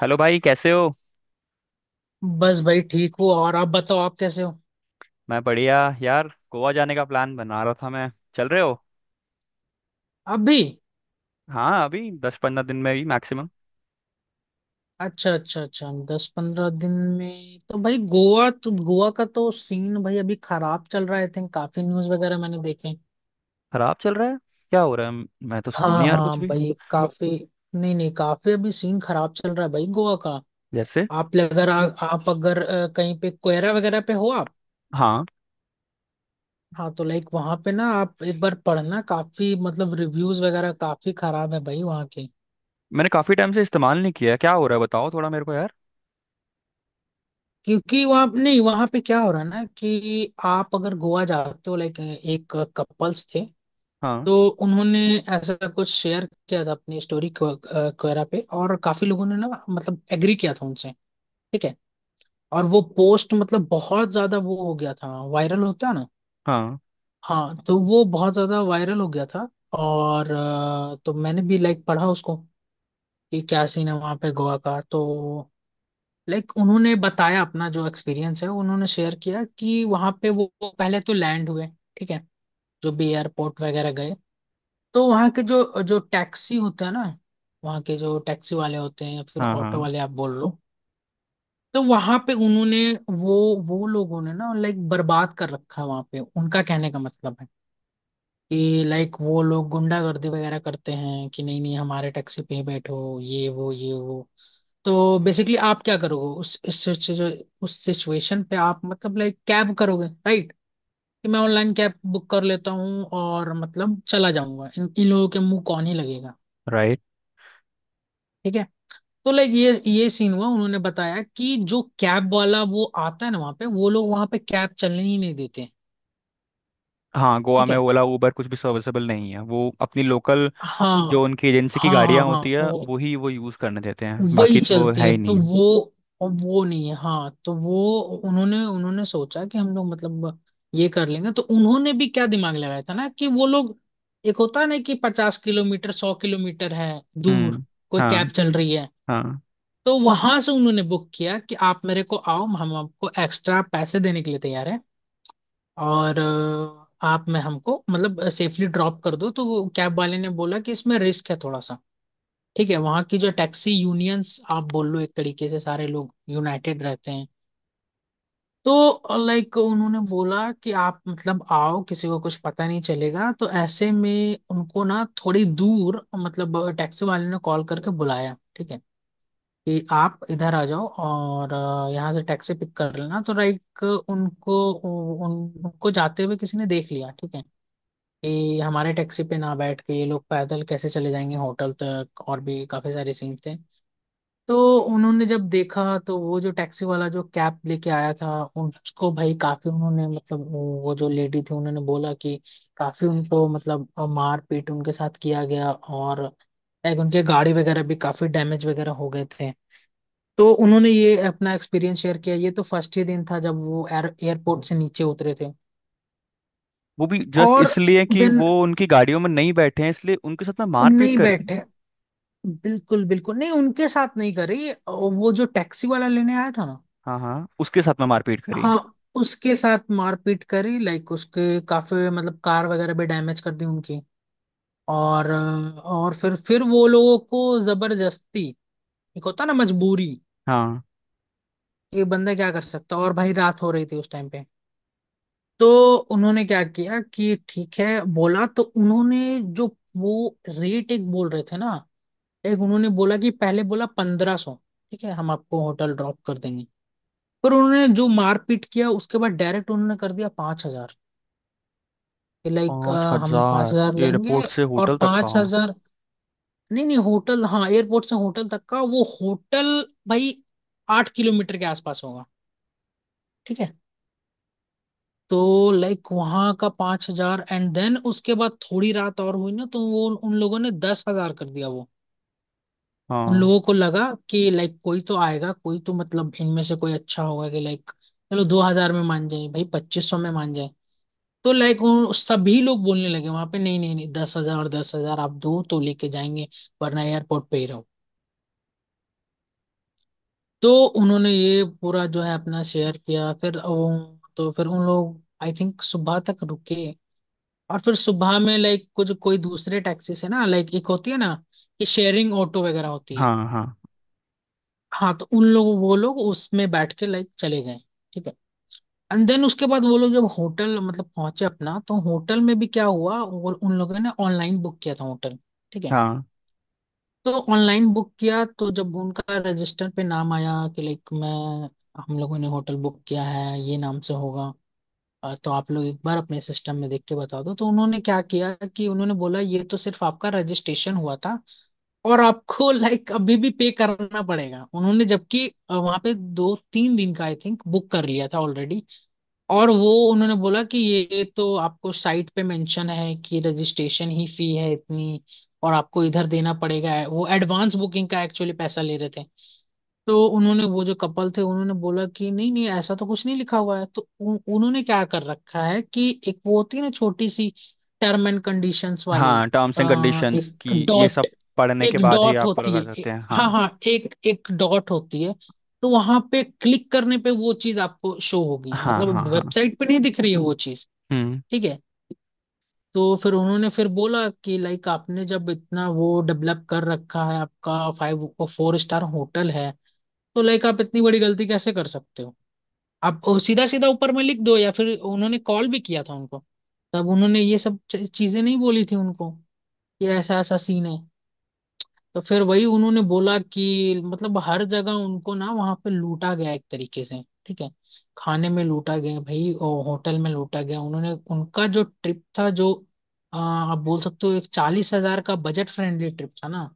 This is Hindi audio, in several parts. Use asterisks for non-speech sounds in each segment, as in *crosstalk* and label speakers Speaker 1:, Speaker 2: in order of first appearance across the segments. Speaker 1: हेलो भाई, कैसे हो।
Speaker 2: बस भाई ठीक हूँ। और आप बताओ आप कैसे हो?
Speaker 1: मैं बढ़िया। यार गोवा जाने का प्लान बना रहा था मैं। चल रहे हो।
Speaker 2: अभी?
Speaker 1: हाँ अभी 10-15 दिन में ही मैक्सिमम।
Speaker 2: अच्छा अच्छा अच्छा, दस पंद्रह दिन में। तो भाई गोवा, तो गोवा का तो सीन भाई अभी खराब चल रहा है। आई थिंक काफी न्यूज वगैरह मैंने देखे।
Speaker 1: खराब चल रहा है। क्या हो रहा है, मैं तो सुना
Speaker 2: हाँ
Speaker 1: नहीं यार
Speaker 2: हाँ
Speaker 1: कुछ भी।
Speaker 2: भाई, काफी। नहीं नहीं, काफी अभी सीन खराब चल रहा है भाई गोवा का।
Speaker 1: जैसे।
Speaker 2: आप अगर आ, आप अगर कहीं पे कोयरा वगैरह पे हो आप?
Speaker 1: हाँ
Speaker 2: हाँ, तो लाइक वहां पे ना आप एक बार पढ़ना, काफी मतलब रिव्यूज वगैरह काफी खराब है भाई वहाँ के।
Speaker 1: मैंने काफी टाइम से इस्तेमाल नहीं किया, क्या हो रहा है बताओ थोड़ा मेरे को यार।
Speaker 2: क्योंकि वहाँ नहीं, वहाँ पे क्या हो रहा है ना, कि आप अगर गोवा जाते हो, लाइक एक कपल्स थे
Speaker 1: हाँ,
Speaker 2: तो उन्होंने ऐसा कुछ शेयर किया था अपनी स्टोरी वगैरह पे, और काफी लोगों ने ना मतलब एग्री किया था उनसे। ठीक है। और वो पोस्ट मतलब बहुत ज्यादा वो हो गया था, वायरल होता है ना।
Speaker 1: हाँ,
Speaker 2: हाँ, तो वो बहुत ज्यादा वायरल हो गया था। और तो मैंने भी लाइक पढ़ा उसको, कि क्या सीन है वहाँ पे गोवा का। तो लाइक उन्होंने बताया अपना जो एक्सपीरियंस है, उन्होंने शेयर किया कि वहां पे वो पहले तो लैंड हुए। ठीक है। जो भी एयरपोर्ट वगैरह गए, तो वहाँ के जो जो टैक्सी होता है ना, वहाँ के जो टैक्सी वाले होते हैं या फिर
Speaker 1: हाँ,
Speaker 2: ऑटो
Speaker 1: हाँ।
Speaker 2: वाले आप बोल लो। तो वहां पे उन्होंने वो वो लोगों ने ना लाइक बर्बाद कर रखा है वहां पे उनका। कहने का मतलब है कि लाइक वो लोग गुंडागर्दी वगैरह करते हैं, कि नहीं नहीं हमारे टैक्सी पे ही बैठो, ये वो ये वो। तो बेसिकली आप क्या करोगे उस इस उस सिचुएशन पे, आप मतलब लाइक कैब करोगे राइट? कि मैं ऑनलाइन कैब बुक कर लेता हूँ और मतलब चला जाऊंगा, इन इन लोगों के मुंह कौन ही लगेगा।
Speaker 1: राइट।
Speaker 2: ठीक है। तो लाइक ये सीन हुआ, उन्होंने बताया कि जो कैब वाला वो आता है ना वहां पे, वो लोग वहां पे कैब चलने ही नहीं देते।
Speaker 1: हाँ गोवा
Speaker 2: ठीक
Speaker 1: में
Speaker 2: है।
Speaker 1: ओला उबर कुछ भी सर्विसेबल नहीं है, वो अपनी लोकल, जो
Speaker 2: हाँ
Speaker 1: उनकी एजेंसी की
Speaker 2: हाँ हाँ
Speaker 1: गाड़ियाँ
Speaker 2: हाँ,
Speaker 1: होती है
Speaker 2: वो
Speaker 1: वो ही वो यूज़ करने देते हैं,
Speaker 2: वही
Speaker 1: बाकी तो
Speaker 2: चलती
Speaker 1: है
Speaker 2: है
Speaker 1: ही
Speaker 2: तो
Speaker 1: नहीं।
Speaker 2: वो। और वो नहीं है, हाँ। तो वो उन्होंने उन्होंने सोचा कि हम लोग मतलब ये कर लेंगे। तो उन्होंने भी क्या दिमाग लगाया था ना, कि वो लोग, एक होता है ना कि 50 किलोमीटर 100 किलोमीटर है दूर
Speaker 1: हम्म।
Speaker 2: कोई कैब
Speaker 1: हाँ
Speaker 2: चल रही है।
Speaker 1: हाँ
Speaker 2: तो वहां से उन्होंने बुक किया कि आप मेरे को आओ, हम आपको एक्स्ट्रा पैसे देने के लिए तैयार है। और आप में हमको मतलब सेफली ड्रॉप कर दो। तो वो कैब वाले ने बोला कि इसमें रिस्क है थोड़ा सा। ठीक है। वहाँ की जो टैक्सी यूनियंस आप बोल लो, एक तरीके से सारे लोग यूनाइटेड रहते हैं। तो लाइक उन्होंने बोला कि आप मतलब आओ, किसी को कुछ पता नहीं चलेगा। तो ऐसे में उनको ना थोड़ी दूर मतलब टैक्सी वाले ने कॉल करके बुलाया। ठीक है। कि आप इधर आ जाओ और यहाँ से टैक्सी पिक कर लेना। तो लाइक उनको उनको जाते हुए किसी ने देख लिया। ठीक है। कि हमारे टैक्सी पे ना बैठ के ये लोग पैदल कैसे चले जाएंगे होटल तक, और भी काफी सारे सीन थे। तो उन्होंने जब देखा, तो वो जो टैक्सी वाला जो कैब लेके आया था उसको भाई काफी, उन्होंने मतलब वो जो लेडी थी उन्होंने बोला कि काफी उनको मतलब मार पीट उनके साथ किया गया। और लाइक उनके गाड़ी वगैरह भी काफी डैमेज वगैरह हो गए थे। तो उन्होंने ये अपना एक्सपीरियंस शेयर किया। ये तो फर्स्ट ही दिन था जब वो एयरपोर्ट से नीचे उतरे थे।
Speaker 1: वो भी जस्ट
Speaker 2: और
Speaker 1: इसलिए कि
Speaker 2: दिन
Speaker 1: वो उनकी गाड़ियों में नहीं बैठे हैं इसलिए उनके साथ में मारपीट
Speaker 2: नहीं
Speaker 1: करी।
Speaker 2: बैठे। बिल्कुल बिल्कुल नहीं, उनके साथ नहीं करे। वो जो टैक्सी वाला लेने आया था ना।
Speaker 1: हाँ हाँ उसके साथ में मारपीट करी।
Speaker 2: हाँ। उसके साथ मारपीट करी, लाइक उसके काफी मतलब कार वगैरह भी डैमेज कर दी उनकी। और फिर वो लोगों को जबरदस्ती। एक होता ना मजबूरी,
Speaker 1: हाँ
Speaker 2: ये बंदा क्या कर सकता, और भाई रात हो रही थी उस टाइम पे। तो उन्होंने क्या किया कि ठीक है बोला, तो उन्होंने जो वो रेट एक बोल रहे थे ना, एक उन्होंने बोला कि पहले बोला 1,500। ठीक है, हम आपको होटल ड्रॉप कर देंगे। पर उन्होंने जो मारपीट किया उसके बाद डायरेक्ट उन्होंने कर दिया 5,000। कि लाइक
Speaker 1: पाँच
Speaker 2: हम पांच
Speaker 1: हजार
Speaker 2: हजार लेंगे।
Speaker 1: एयरपोर्ट से
Speaker 2: और
Speaker 1: होटल तक का।
Speaker 2: 5,000, नहीं नहीं होटल, हाँ एयरपोर्ट से होटल तक का। वो होटल भाई 8 किलोमीटर के आसपास होगा। ठीक है। तो लाइक वहाँ का 5,000, एंड देन उसके बाद थोड़ी रात और हुई ना, तो वो उन लोगों ने 10,000 कर दिया वो। उन
Speaker 1: हाँ,
Speaker 2: लोगों को लगा कि लाइक कोई तो आएगा, कोई तो मतलब इनमें से कोई अच्छा होगा, कि लाइक चलो 2,000 में मान जाए भाई, 2,500 में मान जाए। तो लाइक वो सभी लोग बोलने लगे वहां पे, नहीं नहीं नहीं, 10,000, और 10,000 आप दो तो लेके जाएंगे वरना एयरपोर्ट पे ही रहो। तो उन्होंने ये पूरा जो है अपना शेयर किया। फिर वो, तो फिर उन लोग आई थिंक सुबह तक रुके। और फिर सुबह में लाइक कुछ कोई दूसरे टैक्सी से ना, लाइक एक होती है ना कि शेयरिंग ऑटो वगैरह होती है।
Speaker 1: हाँ, हाँ,
Speaker 2: हाँ, तो उन लोग वो लोग उसमें बैठ के लाइक चले गए। ठीक है। एंड देन उसके बाद वो लोग जब होटल मतलब पहुंचे अपना, तो होटल में भी क्या हुआ, वो उन लोगों ने ऑनलाइन बुक किया था होटल। ठीक है।
Speaker 1: हाँ,
Speaker 2: तो ऑनलाइन बुक किया, तो जब उनका रजिस्टर पे नाम आया कि लाइक मैं, हम लोगों ने होटल बुक किया है ये नाम से होगा। तो आप लोग एक बार अपने सिस्टम में देख के बता दो। तो उन्होंने क्या किया कि उन्होंने बोला ये तो सिर्फ आपका रजिस्ट्रेशन हुआ था, और आपको लाइक अभी भी पे करना पड़ेगा। उन्होंने, जबकि वहां पे दो तीन दिन का आई थिंक बुक कर लिया था ऑलरेडी। और वो उन्होंने बोला कि ये तो आपको साइट पे मेंशन है कि रजिस्ट्रेशन ही फी है इतनी, और आपको इधर देना पड़ेगा। वो एडवांस बुकिंग का एक्चुअली पैसा ले रहे थे। तो उन्होंने, वो जो कपल थे उन्होंने बोला कि नहीं नहीं, ऐसा तो कुछ नहीं लिखा हुआ है। तो उन्होंने क्या कर रखा है कि एक वो होती है ना छोटी सी, टर्म एंड कंडीशंस वाली।
Speaker 1: हाँ। टर्म्स एंड कंडीशंस
Speaker 2: एक
Speaker 1: की ये
Speaker 2: डॉट,
Speaker 1: सब पढ़ने के
Speaker 2: एक
Speaker 1: बाद ही
Speaker 2: डॉट
Speaker 1: आप पूरा
Speaker 2: होती
Speaker 1: कर
Speaker 2: है
Speaker 1: सकते हैं।
Speaker 2: हाँ
Speaker 1: हाँ,
Speaker 2: हाँ एक एक डॉट होती है। तो वहां पे क्लिक करने पे वो चीज आपको शो होगी,
Speaker 1: हाँ, हाँ,
Speaker 2: मतलब
Speaker 1: हाँ।
Speaker 2: वेबसाइट पे नहीं दिख रही है वो चीज।
Speaker 1: हम्म।
Speaker 2: ठीक है। तो फिर उन्होंने फिर बोला कि लाइक आपने जब इतना वो डेवलप कर रखा है आपका, फाइव फोर स्टार होटल है, तो लाइक आप इतनी बड़ी गलती कैसे कर सकते हो। आप सीधा सीधा ऊपर में लिख दो, या फिर उन्होंने कॉल भी किया था उनको, तब उन्होंने ये सब चीजें नहीं बोली थी उनको, कि ऐसा ऐसा सीन है। तो फिर वही उन्होंने बोला कि मतलब हर जगह उनको ना वहां पे लूटा गया एक तरीके से। ठीक है। खाने में लूटा गया भाई, और होटल में लूटा गया। उन्होंने, उनका जो ट्रिप था, जो आप बोल सकते हो एक 40,000 का बजट फ्रेंडली ट्रिप था ना,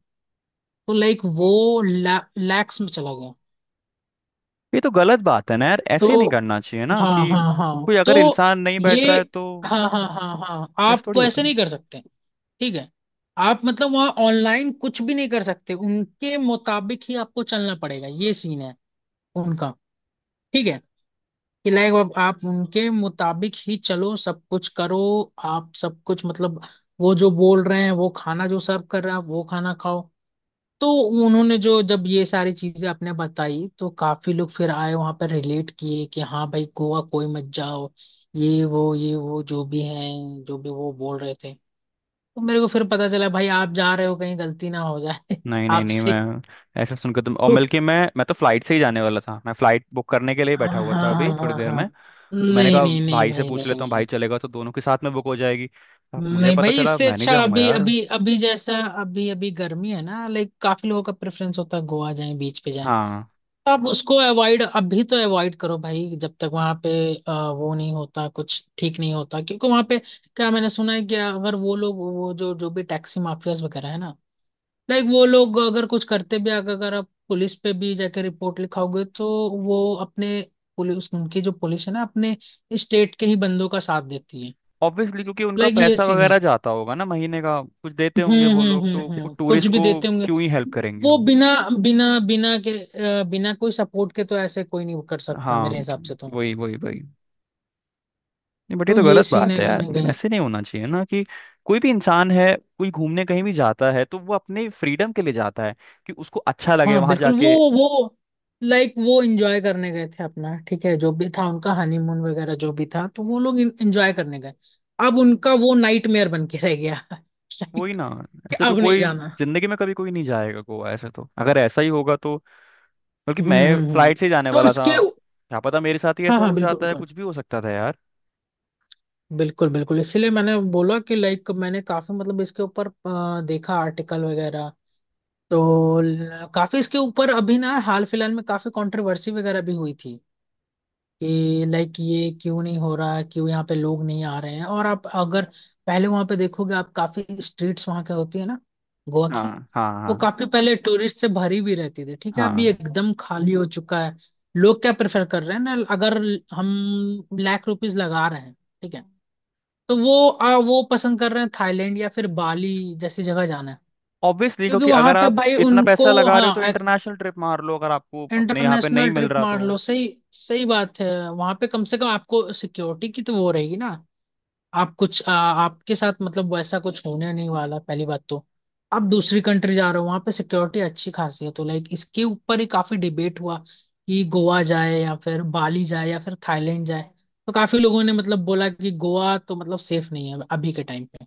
Speaker 2: तो लाइक वो लैक्स में चला गया।
Speaker 1: ये तो गलत बात है ना यार, ऐसे नहीं
Speaker 2: तो
Speaker 1: करना चाहिए ना
Speaker 2: हाँ
Speaker 1: कि
Speaker 2: हाँ हाँ।
Speaker 1: कोई
Speaker 2: तो
Speaker 1: अगर इंसान नहीं बैठ
Speaker 2: ये,
Speaker 1: रहा है तो।
Speaker 2: हाँ हाँ हाँ हाँ,
Speaker 1: ऐसा
Speaker 2: आप
Speaker 1: थोड़ी होता।
Speaker 2: वैसे नहीं कर सकते। ठीक है। आप मतलब वहाँ ऑनलाइन कुछ भी नहीं कर सकते, उनके मुताबिक ही आपको चलना पड़ेगा, ये सीन है उनका। ठीक है। कि लाइक आप उनके मुताबिक ही चलो, सब कुछ करो। आप सब कुछ मतलब वो जो बोल रहे हैं, वो खाना जो सर्व कर रहा है वो खाना खाओ। तो उन्होंने जो, जब ये सारी चीजें आपने बताई, तो काफी लोग फिर आए वहां पर, रिलेट किए कि हाँ भाई गोवा कोई मत जाओ। ये वो जो भी हैं जो भी वो बोल रहे थे। तो मेरे को फिर पता चला भाई आप जा रहे हो, कहीं गलती ना हो जाए
Speaker 1: नहीं
Speaker 2: *laughs*
Speaker 1: नहीं नहीं
Speaker 2: आपसे।
Speaker 1: मैं ऐसे सुनकर तुम, और
Speaker 2: तो
Speaker 1: बल्कि मैं तो फ्लाइट से ही जाने वाला था, मैं फ्लाइट बुक करने के लिए
Speaker 2: हाँ
Speaker 1: बैठा हुआ था अभी
Speaker 2: हाँ
Speaker 1: थोड़ी
Speaker 2: हाँ
Speaker 1: देर
Speaker 2: हाँ,
Speaker 1: में। मैंने
Speaker 2: नहीं
Speaker 1: कहा
Speaker 2: नहीं नहीं
Speaker 1: भाई से
Speaker 2: भाई,
Speaker 1: पूछ
Speaker 2: नहीं
Speaker 1: लेता हूँ, भाई
Speaker 2: नहीं।
Speaker 1: चलेगा तो दोनों के साथ में बुक हो जाएगी। अब मुझे
Speaker 2: नहीं
Speaker 1: पता
Speaker 2: भाई,
Speaker 1: चला,
Speaker 2: इससे
Speaker 1: मैं नहीं
Speaker 2: अच्छा
Speaker 1: जाऊंगा
Speaker 2: अभी
Speaker 1: यार।
Speaker 2: अभी अभी जैसा, अभी अभी गर्मी है ना, लाइक काफी लोगों का प्रेफरेंस होता है गोवा जाए बीच पे जाए।
Speaker 1: हाँ।
Speaker 2: तो आप उसको अवॉइड, अभी तो अवॉइड करो भाई, जब तक वहां पे वो नहीं होता, कुछ ठीक नहीं होता। क्योंकि वहां पे क्या मैंने सुना है, कि अगर वो लोग, वो जो जो भी टैक्सी माफियाज वगैरह है ना, लाइक वो लोग अगर कुछ करते भी, अगर अगर आप पुलिस पे भी जाके रिपोर्ट लिखाओगे, तो वो अपने, पुलिस उनकी जो पुलिस है ना, अपने स्टेट के ही बंदों का साथ देती है।
Speaker 1: ऑब्वियसली, क्योंकि उनका
Speaker 2: लाइक ये
Speaker 1: पैसा
Speaker 2: सीन है।
Speaker 1: वगैरह जाता होगा ना, महीने का कुछ देते होंगे वो लोग, तो वो
Speaker 2: कुछ
Speaker 1: टूरिस्ट
Speaker 2: भी
Speaker 1: को
Speaker 2: देते होंगे।
Speaker 1: क्यों ही हेल्प करेंगे
Speaker 2: वो
Speaker 1: वो।
Speaker 2: बिना बिना बिना के बिना कोई सपोर्ट के, तो ऐसे कोई नहीं कर सकता
Speaker 1: हाँ।
Speaker 2: मेरे हिसाब से तो।
Speaker 1: वही वही वही। नहीं बट ये
Speaker 2: तो
Speaker 1: तो
Speaker 2: ये
Speaker 1: गलत
Speaker 2: सीन
Speaker 1: बात
Speaker 2: है
Speaker 1: है
Speaker 2: कहीं
Speaker 1: यार,
Speaker 2: ना कहीं।
Speaker 1: ऐसे नहीं होना चाहिए ना कि कोई भी इंसान है, कोई घूमने कहीं भी जाता है तो वो अपने फ्रीडम के लिए जाता है, कि उसको अच्छा लगे
Speaker 2: हाँ
Speaker 1: वहां
Speaker 2: बिल्कुल, वो
Speaker 1: जाके।
Speaker 2: वो लाइक वो एंजॉय करने गए थे अपना। ठीक है। जो भी था उनका हनीमून वगैरह जो भी था, तो वो लोग एंजॉय करने गए। अब उनका वो नाइटमेयर बन के रह गया *laughs*
Speaker 1: वही
Speaker 2: लाइक
Speaker 1: ना।
Speaker 2: कि
Speaker 1: ऐसे तो
Speaker 2: अब नहीं
Speaker 1: कोई
Speaker 2: जाना।
Speaker 1: जिंदगी में कभी कोई नहीं जाएगा गोवा, ऐसे तो अगर ऐसा ही होगा तो। बल्कि
Speaker 2: हम्म
Speaker 1: मैं
Speaker 2: हम्म हम्म।
Speaker 1: फ्लाइट से ही जाने
Speaker 2: तो
Speaker 1: वाला था,
Speaker 2: इसके,
Speaker 1: क्या पता मेरे साथ ही
Speaker 2: हाँ
Speaker 1: ऐसा
Speaker 2: हाँ
Speaker 1: हो
Speaker 2: बिल्कुल
Speaker 1: जाता, है
Speaker 2: बिल्कुल।
Speaker 1: कुछ भी हो सकता था यार।
Speaker 2: बिल्कुल बिल्कुल इसीलिए मैंने बोला कि लाइक मैंने काफी मतलब इसके ऊपर देखा आर्टिकल वगैरह। तो काफी इसके ऊपर अभी ना हाल फिलहाल में काफी कंट्रोवर्सी वगैरह भी हुई थी, कि लाइक ये क्यों नहीं हो रहा है, क्यों यहाँ पे लोग नहीं आ रहे हैं। और आप अगर पहले वहां पे देखोगे आप, काफी स्ट्रीट्स वहां की होती है ना गोवा की,
Speaker 1: हाँ, हाँ,
Speaker 2: वो
Speaker 1: हाँ,
Speaker 2: काफी पहले टूरिस्ट से भरी भी रहती थी। ठीक है। अभी
Speaker 1: हाँ।
Speaker 2: एकदम खाली हो चुका है। लोग क्या प्रेफर कर रहे हैं ना, अगर हम लाख रुपीज लगा रहे हैं, ठीक है, तो वो वो पसंद कर रहे हैं थाईलैंड या फिर बाली जैसी जगह जाना है।
Speaker 1: ऑब्वियसली,
Speaker 2: क्योंकि
Speaker 1: क्योंकि
Speaker 2: वहां
Speaker 1: अगर
Speaker 2: पे
Speaker 1: आप
Speaker 2: भाई
Speaker 1: इतना
Speaker 2: उनको,
Speaker 1: पैसा लगा रहे हो तो
Speaker 2: हाँ
Speaker 1: इंटरनेशनल ट्रिप मार लो, अगर आपको अपने यहाँ पे नहीं
Speaker 2: इंटरनेशनल
Speaker 1: मिल
Speaker 2: ट्रिप
Speaker 1: रहा
Speaker 2: मार
Speaker 1: तो।
Speaker 2: लो, सही सही बात है। वहां पे कम से कम आपको सिक्योरिटी की तो वो रहेगी ना। आप कुछ आपके साथ मतलब वैसा कुछ होने नहीं वाला पहली बात तो। आप दूसरी कंट्री जा रहे हो, वहां पे सिक्योरिटी अच्छी खासी है। तो लाइक इसके ऊपर ही काफी डिबेट हुआ कि गोवा जाए या फिर बाली जाए या फिर थाईलैंड जाए। तो काफी लोगों ने मतलब बोला कि गोवा तो मतलब सेफ नहीं है अभी के टाइम पे।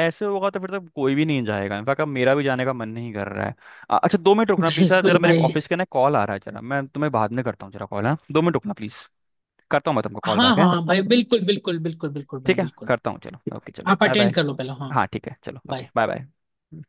Speaker 1: ऐसे होगा तो फिर तो कोई भी नहीं जाएगा, इनफैक्ट अब मेरा भी जाने का मन नहीं कर रहा है। अच्छा 2 मिनट
Speaker 2: *laughs*
Speaker 1: रुकना प्लीज सर,
Speaker 2: बिल्कुल
Speaker 1: जरा मेरे
Speaker 2: भाई।
Speaker 1: ऑफिस के ना कॉल आ रहा है, जरा मैं तुम्हें बाद में करता हूँ, जरा कॉल है, 2 मिनट रुकना प्लीज। करता हूँ मैं तुमको कॉल
Speaker 2: हाँ
Speaker 1: बैक है।
Speaker 2: हाँ भाई, बिल्कुल बिल्कुल बिल्कुल बिल्कुल भाई
Speaker 1: ठीक है,
Speaker 2: बिल्कुल।
Speaker 1: करता हूँ, चलो ओके, चलो
Speaker 2: आप
Speaker 1: बाय बाय।
Speaker 2: अटेंड कर लो पहले, हाँ।
Speaker 1: हाँ ठीक है, चलो ओके,
Speaker 2: bye.
Speaker 1: Bye bye.